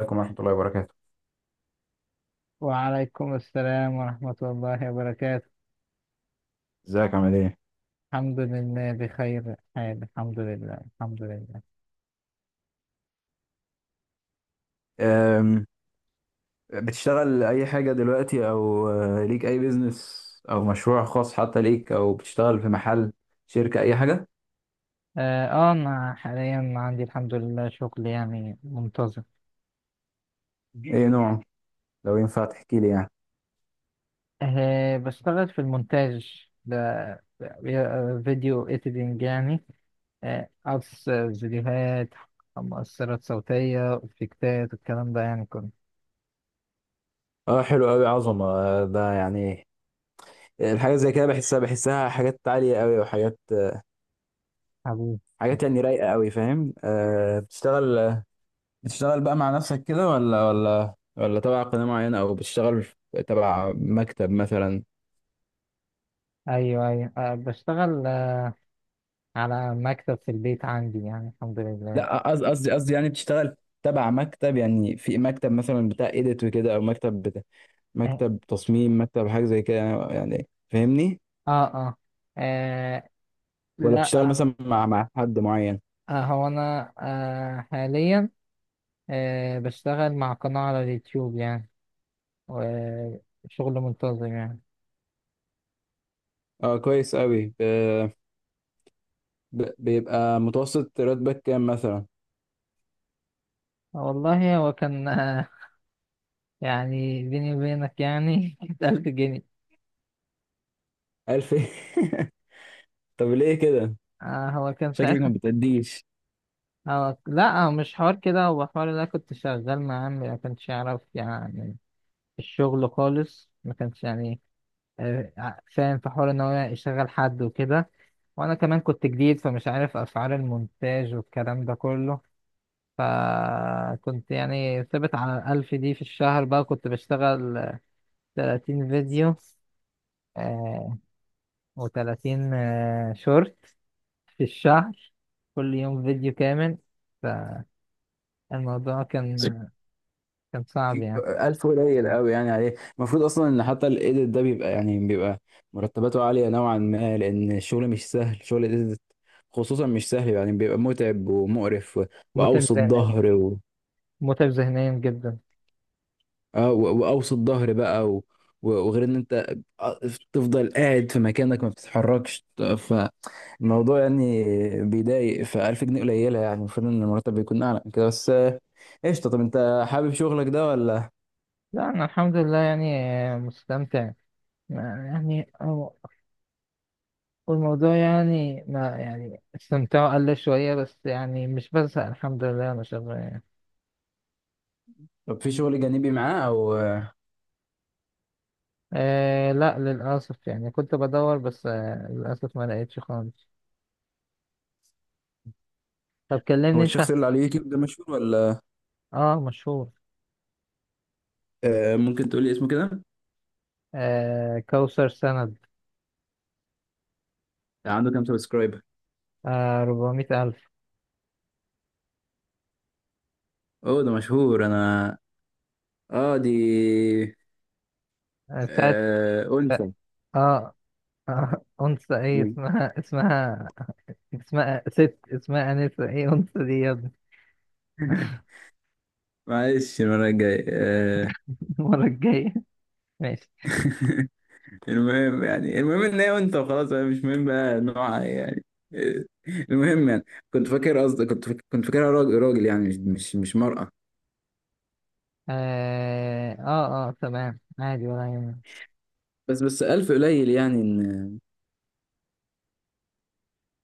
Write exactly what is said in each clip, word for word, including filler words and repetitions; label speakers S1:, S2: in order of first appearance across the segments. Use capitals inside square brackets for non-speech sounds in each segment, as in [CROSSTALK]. S1: عليكم ورحمة الله وبركاته.
S2: وعليكم السلام ورحمة الله وبركاته.
S1: ازيك عامل ايه؟
S2: الحمد لله بخير حال، الحمد لله الحمد لله
S1: أم، بتشتغل اي حاجة دلوقتي او آه، ليك اي بيزنس او مشروع خاص حتى ليك او بتشتغل في محل شركة اي حاجة؟
S2: اه آه، انا حاليا عندي الحمد لله شغل يعني منتظم.
S1: ايه نوع؟ لو ينفع تحكي لي يعني.
S2: أه بشتغل في المونتاج ده، آه، فيديو اديتنج يعني، آه، قص فيديوهات، مؤثرات صوتية، افكتات، الكلام ده يعني كله.
S1: اه، حلو قوي عظمة. آه، ده يعني، آه، الحاجة زي كده بحسها بحسها حاجات عالية قوي، وحاجات آه،
S2: حبيبي،
S1: حاجات يعني رايقة قوي، فاهم؟ آه، بتشتغل بتشتغل بقى مع نفسك كده ولا ولا ولا تبع قناة معينة، او بتشتغل تبع مكتب مثلا؟
S2: ايوه ايوه أه بشتغل آه، على مكتب في البيت عندي يعني الحمد لله.
S1: لا، قصدي قصدي قصدي يعني بتشتغل تبع مكتب، يعني في مكتب مثلا بتاع ايديت وكده، او مكتب بتاع
S2: آه،
S1: مكتب تصميم مكتب حاجه زي كده، يعني فاهمني؟
S2: اه اه آه،
S1: ولا
S2: لا.
S1: بتشتغل
S2: آه
S1: مثلا مع مع حد معين؟
S2: آه، هو انا آه حاليا آه بشتغل مع قناة على اليوتيوب يعني، وشغل منتظم يعني.
S1: اه، كويس قوي. بيبقى متوسط راتبك كام مثلا؟
S2: والله هو كان آه يعني بيني وبينك يعني [LAUGHS] كانت ألف جنيه.
S1: ألف. [LAUGHS] طب ليه كده؟
S2: آه هو كان
S1: شكلك ما
S2: ساعتها.
S1: بتأديش.
S2: هو لا هو مش حوار كده، هو حوار اللي أنا كنت شغال مع عمي، ما كانش يعرف يعني الشغل خالص، ما كانش يعني آه، ع- فاهم في حوار ان هو يشغل حد وكده، وانا كمان كنت جديد فمش عارف اسعار المونتاج والكلام ده كله، فكنت يعني ثابت على الألف دي في الشهر. بقى كنت بشتغل تلاتين فيديو آه و30 آه شورت في الشهر، كل يوم فيديو كامل. فالموضوع كان كان صعب يعني.
S1: ألف قليل قوي يعني عليه، المفروض أصلا إن حتى الإيديت ده بيبقى، يعني بيبقى مرتباته عالية نوعا ما، لأن الشغل مش سهل، شغل الإيديت خصوصا مش سهل، يعني بيبقى متعب ومقرف و...
S2: متعب
S1: وأوسط
S2: ذهنيا،
S1: ظهر و...
S2: متعب ذهنيا جدا.
S1: آه و... وأوسط ظهر بقى و... و- وغير إن أنت، آه، تفضل قاعد في مكانك ما بتتحركش، فالموضوع يعني بيضايق. فألف جنيه قليلة يعني، المفروض إن المرتب بيكون أعلى من كده، بس آه، قشطة. طب أنت حابب شغلك ده ولا؟
S2: لا أنا الحمد لله يعني آه، مستمتع يعني. والموضوع يعني ما يعني استمتاعه قل شوية، بس يعني مش بزهق الحمد لله، أنا شغال يعني.
S1: طب في شغل جانبي معاه أو؟
S2: آه لا للأسف يعني، كنت بدور بس آه للأسف ما لقيتش خالص. طب
S1: هو
S2: كلمني أنت.
S1: الشخص اللي على اليوتيوب ده مشهور ولا؟
S2: آه مشهور.
S1: آه، ممكن تقولي اسمه كده.
S2: آه كوثر سند.
S1: آه، عنده كام سبسكرايبر؟
S2: آه 400000 ألف.
S1: اوه، ده مشهور انا. اه، دي.
S2: آه بتاعت.
S1: آه انثى؟
S2: آه, آه [LAUGHS] أنثى إيه
S1: مم.
S2: اسمها، اسمها اسمها ست، اسمها أنسة إيه، أنثى دي يا ابني.
S1: [LAUGHS] معلش، المرة الجاية. آه
S2: [LAUGHS] المرة الجاية، ماشي.
S1: [LAUGHS] المهم يعني المهم ان هي انثى وخلاص، أنا مش مهم بقى نوعها إيه يعني. آه، المهم يعني كنت فاكر قصدي كنت فاكر كنت فاكرها راجل، راجل يعني، مش مش مش مرأة.
S2: آه آه آه تمام عادي ولا يهمك.
S1: بس بس ألف قليل يعني إن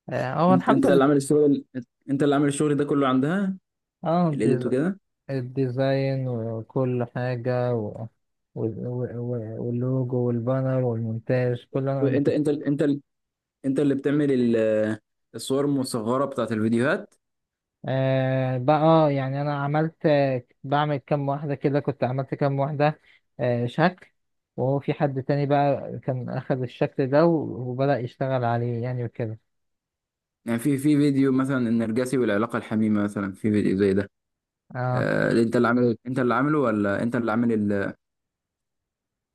S2: آه، هو
S1: انت
S2: الحمد
S1: انت
S2: لله.
S1: اللي عامل الشغل، انت اللي عامل الشغل ده كله عندها،
S2: اه
S1: الإيديت
S2: الديز-
S1: وكده.
S2: الديزاين وكل حاجة و... و... و... واللوجو والبانر والمونتاج كله انا اللي
S1: انت
S2: كنت.
S1: انت انت انت اللي بتعمل ال- الصور المصغره بتاعت الفيديوهات؟
S2: آه بقى آه، يعني انا عملت، آه، بعمل كام واحدة كده، كنت عملت كام واحدة آه شكل، وهو في حد تاني بقى كان اخذ الشكل ده و- وبدأ يشتغل عليه يعني وكده.
S1: يعني في في فيديو مثلا النرجسي والعلاقه الحميمه، مثلا في فيديو زي ده،
S2: اه
S1: آه، انت اللي عامل، انت اللي عامله، ولا انت اللي عامل ال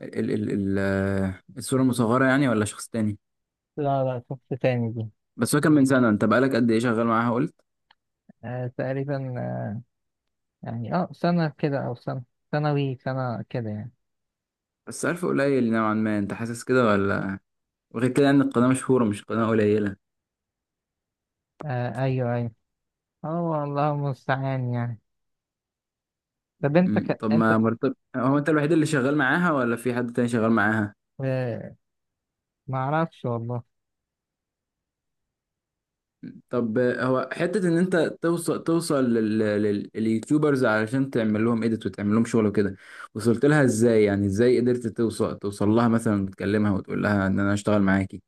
S1: ال ال ال آه، الصوره المصغره يعني، ولا شخص تاني؟
S2: لا لا شفت تاني دي.
S1: بس هو كان من سنه، انت بقالك قد ايه شغال معاها؟ قلت
S2: آه تقريبا آه يعني، اه سنة كده او سنة ثانوي، سنة كده يعني.
S1: بس عارف قليل نوعا ما، انت حاسس كده ولا؟ وغير كده ان القناه مشهوره، مش قناه قليله.
S2: آه ايوه ايوه. اه والله المستعان يعني. طب انت
S1: مم،
S2: ك...
S1: طب
S2: انت.
S1: ما مرتب. هو انت الوحيد اللي شغال معاها، ولا في حد تاني شغال معاها؟
S2: اه... ما اعرفش والله.
S1: طب هو حتة إن أنت توصل توصل لل- لل- لليوتيوبرز علشان تعمل لهم إيديت وتعمل لهم شغل وكده، وصلت لها إزاي يعني؟ إزاي قدرت توصل توصل لها، مثلا تكلمها وتقول لها إن أنا أشتغل معاكي.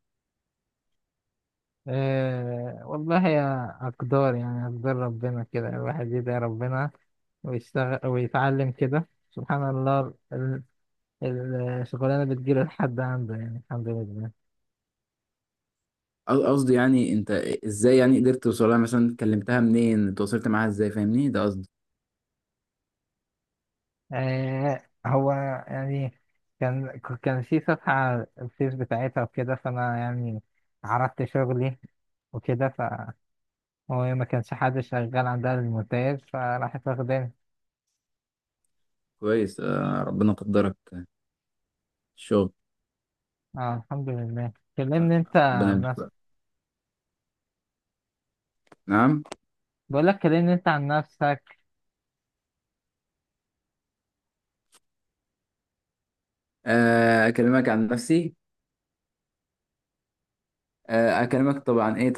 S2: اه... والله يا اقدار يعني، اقدار ربنا كده، الواحد يدعي ربنا ويشتغل ويتعلم كده سبحان الله. ال... ال- الشغلانه بتجيله لحد عنده يعني الحمد لله.
S1: قص- قصدي يعني أنت إزاي يعني قدرت توصل لها، مثلا كلمتها منين، اتواصلت معاها إزاي، فاهمني؟ ده قصدي.
S2: آه هو يعني كان كان في صفحه على الفيس بتاعتها وكده، فانا يعني عرضت شغلي وكده، ف هو ما كانش حد شغال عندها المونتاج، فراحت واخداني.
S1: كويس، آه، ربنا قدرك الشغل،
S2: اه الحمد لله، كلمني انت
S1: ربنا
S2: عن
S1: يمشي بقى.
S2: نفسك.
S1: نعم.
S2: بقول لك كلمني انت عن نفسك.
S1: آه، أكلمك عن نفسي، آه، أكلمك طبعا، إيه؟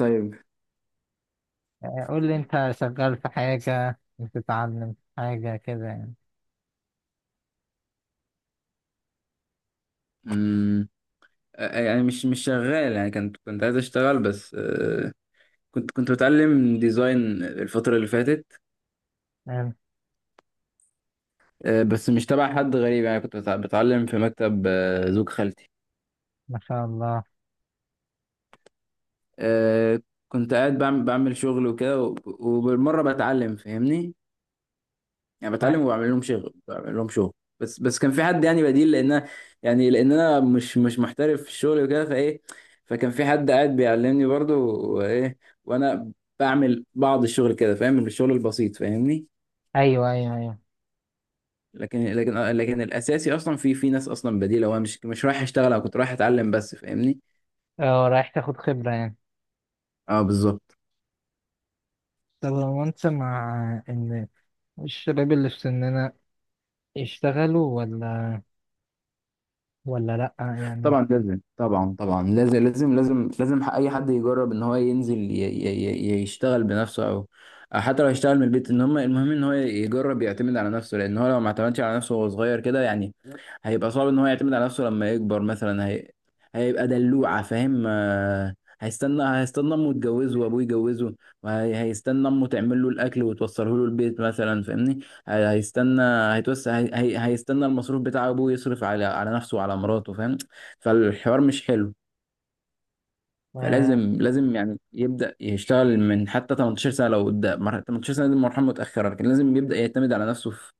S2: آه، قول لي انت شغال في حاجة، بتتعلم حاجة كده يعني.
S1: طيب، آه، يعني مش مش شغال يعني، كنت كنت عايز اشتغل بس، آه، كنت كنت بتعلم ديزاين الفترة اللي فاتت،
S2: آه،
S1: آه، بس مش تبع حد غريب يعني، كنت بتع- بتعلم في مكتب، آه، زوج خالتي.
S2: ما شاء الله.
S1: آه، كنت قاعد بعمل بعمل شغل وكده، وب- وبالمرة بتعلم، فاهمني؟ يعني بتعلم
S2: آه،
S1: وبعمل لهم شغل، بعمل لهم شغل. بس بس كان في حد يعني بديل، لان أنا- يعني لان انا مش مش محترف في الشغل وكده، فايه، فكان في حد قاعد بيعلمني برضو، وايه، وانا بعمل بعض الشغل كده، فاهم الشغل البسيط، فاهمني؟
S2: ايوه ايوه ايوه.
S1: لكن لكن لكن الاساسي اصلا في في ناس اصلا بديله، وانا مش مش رايح اشتغل، انا كنت رايح اتعلم بس، فاهمني؟
S2: اه رايح تاخد خبرة يعني.
S1: اه، بالظبط.
S2: طب هو انت مع ان الشباب اللي في سننا يشتغلوا ولا، ولا لأ يعني.
S1: طبعا لازم طبعا طبعا لازم لازم لازم لازم اي حد يجرب ان هو ينزل ي- ي- ي- يشتغل بنفسه، او حتى لو يشتغل من البيت. ان هم المهم ان هو يجرب يعتمد على نفسه، لان هو لو ما اعتمدش على نفسه وهو صغير كده يعني، هيبقى صعب ان هو يعتمد على نفسه لما يكبر، مثلا هي... هيبقى دلوعة، فاهم؟ آه، هيستنى هيستنى امه تجوزه، وابوه يجوزه، وهيستنى امه تعمل له الاكل وتوصله له البيت مثلا، فاهمني؟ هي- هيستنى هيتوسع هي... هي- هيستنى المصروف بتاع ابوه يصرف على على نفسه وعلى مراته، فاهم؟ فالحوار مش حلو. فلازم
S2: آه،
S1: لازم يعني يبدأ يشتغل من حتى ثمانية عشر سنة لو قدام، مر- ثمانية عشر سنة دي مرحلة متأخرة، لكن لازم يبدأ يعتمد على نفسه في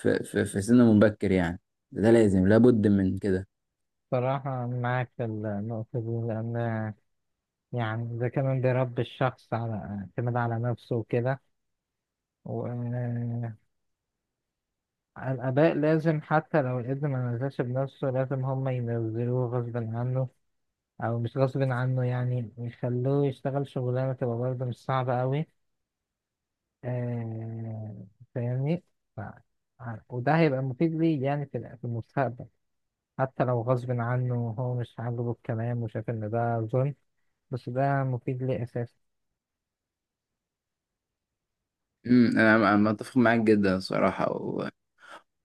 S1: في في, في سن مبكر يعني. ده لازم، لابد من كده.
S2: صراحة معاك في النقطة دي، لأن يعني ده كمان بيربي الشخص على اعتماد على نفسه وكده. الآباء لازم حتى لو الابن ما نزلش بنفسه لازم هم ينزلوه غصب عنه، أو مش غصب عنه يعني يخلوه يشتغل شغلانة تبقى برضه مش صعبة أوي. آه فاهمني. ف- وده هيبقى مفيد ليه يعني في ال- في المستقبل، حتى لو غصب عنه وهو مش عاجبه الكلام وشايف إن ده ظلم، بس ده مفيد ليه أساسا.
S1: امم انا أنا متفق معاك جدا صراحة، و...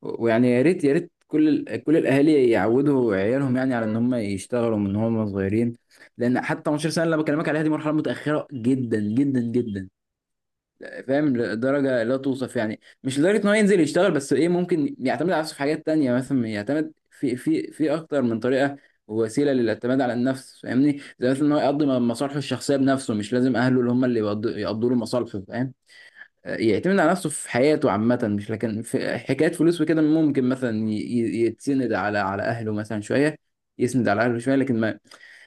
S1: ويعني يا ريت، يا ريت كل ال... كل الاهالي يعودوا عيالهم، يعني على ان هم يشتغلوا من هم صغيرين، لان حتى تمنتاشر سنة اللي أنا بكلمك عليها دي مرحلة متأخرة جدا جدا جدا، فاهم؟ لدرجه لا توصف يعني، مش لدرجه ان هو ينزل يشتغل، بس ايه ممكن يعتمد على نفسه في حاجات تانية، مثلا يعتمد في في في اكتر من طريقه ووسيله للاعتماد على النفس، فاهمني؟ زي مثلا ان هو يقضي مصالحه الشخصيه بنفسه، مش لازم اهله اللي هم اللي يقضوا يقضوا له مصالحه، فاهم؟ يعتمد على نفسه في حياته عامه، مش لكن في حكايه فلوس وكده ممكن مثلا ي- ي- يتسند على على اهله مثلا شويه، يسند على اهله شويه. لكن ما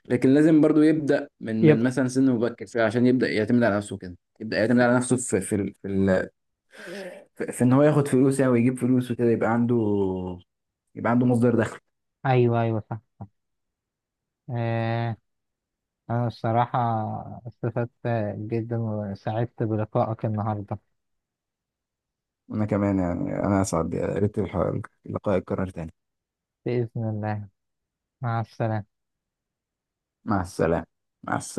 S1: لكن لازم برضو يبدأ من من
S2: يبقى،
S1: مثلا سن مبكر شوية، عشان يبدأ يعتمد على نفسه كده، يبدأ يعتمد على نفسه في في ال- في, ال- في, في ان هو ياخد فلوس يعني ويجيب فلوس وكده، يبقى عنده يبقى عنده مصدر دخل.
S2: أيوه أيوه صح. آه أنا الصراحة استفدت جدا وسعدت بلقائك النهاردة.
S1: وانا كمان يعني، انا اسعد، يا ريت الح- اللقاء يتكرر تاني.
S2: بإذن الله، مع السلامة.
S1: مع السلامة. مع السلامة.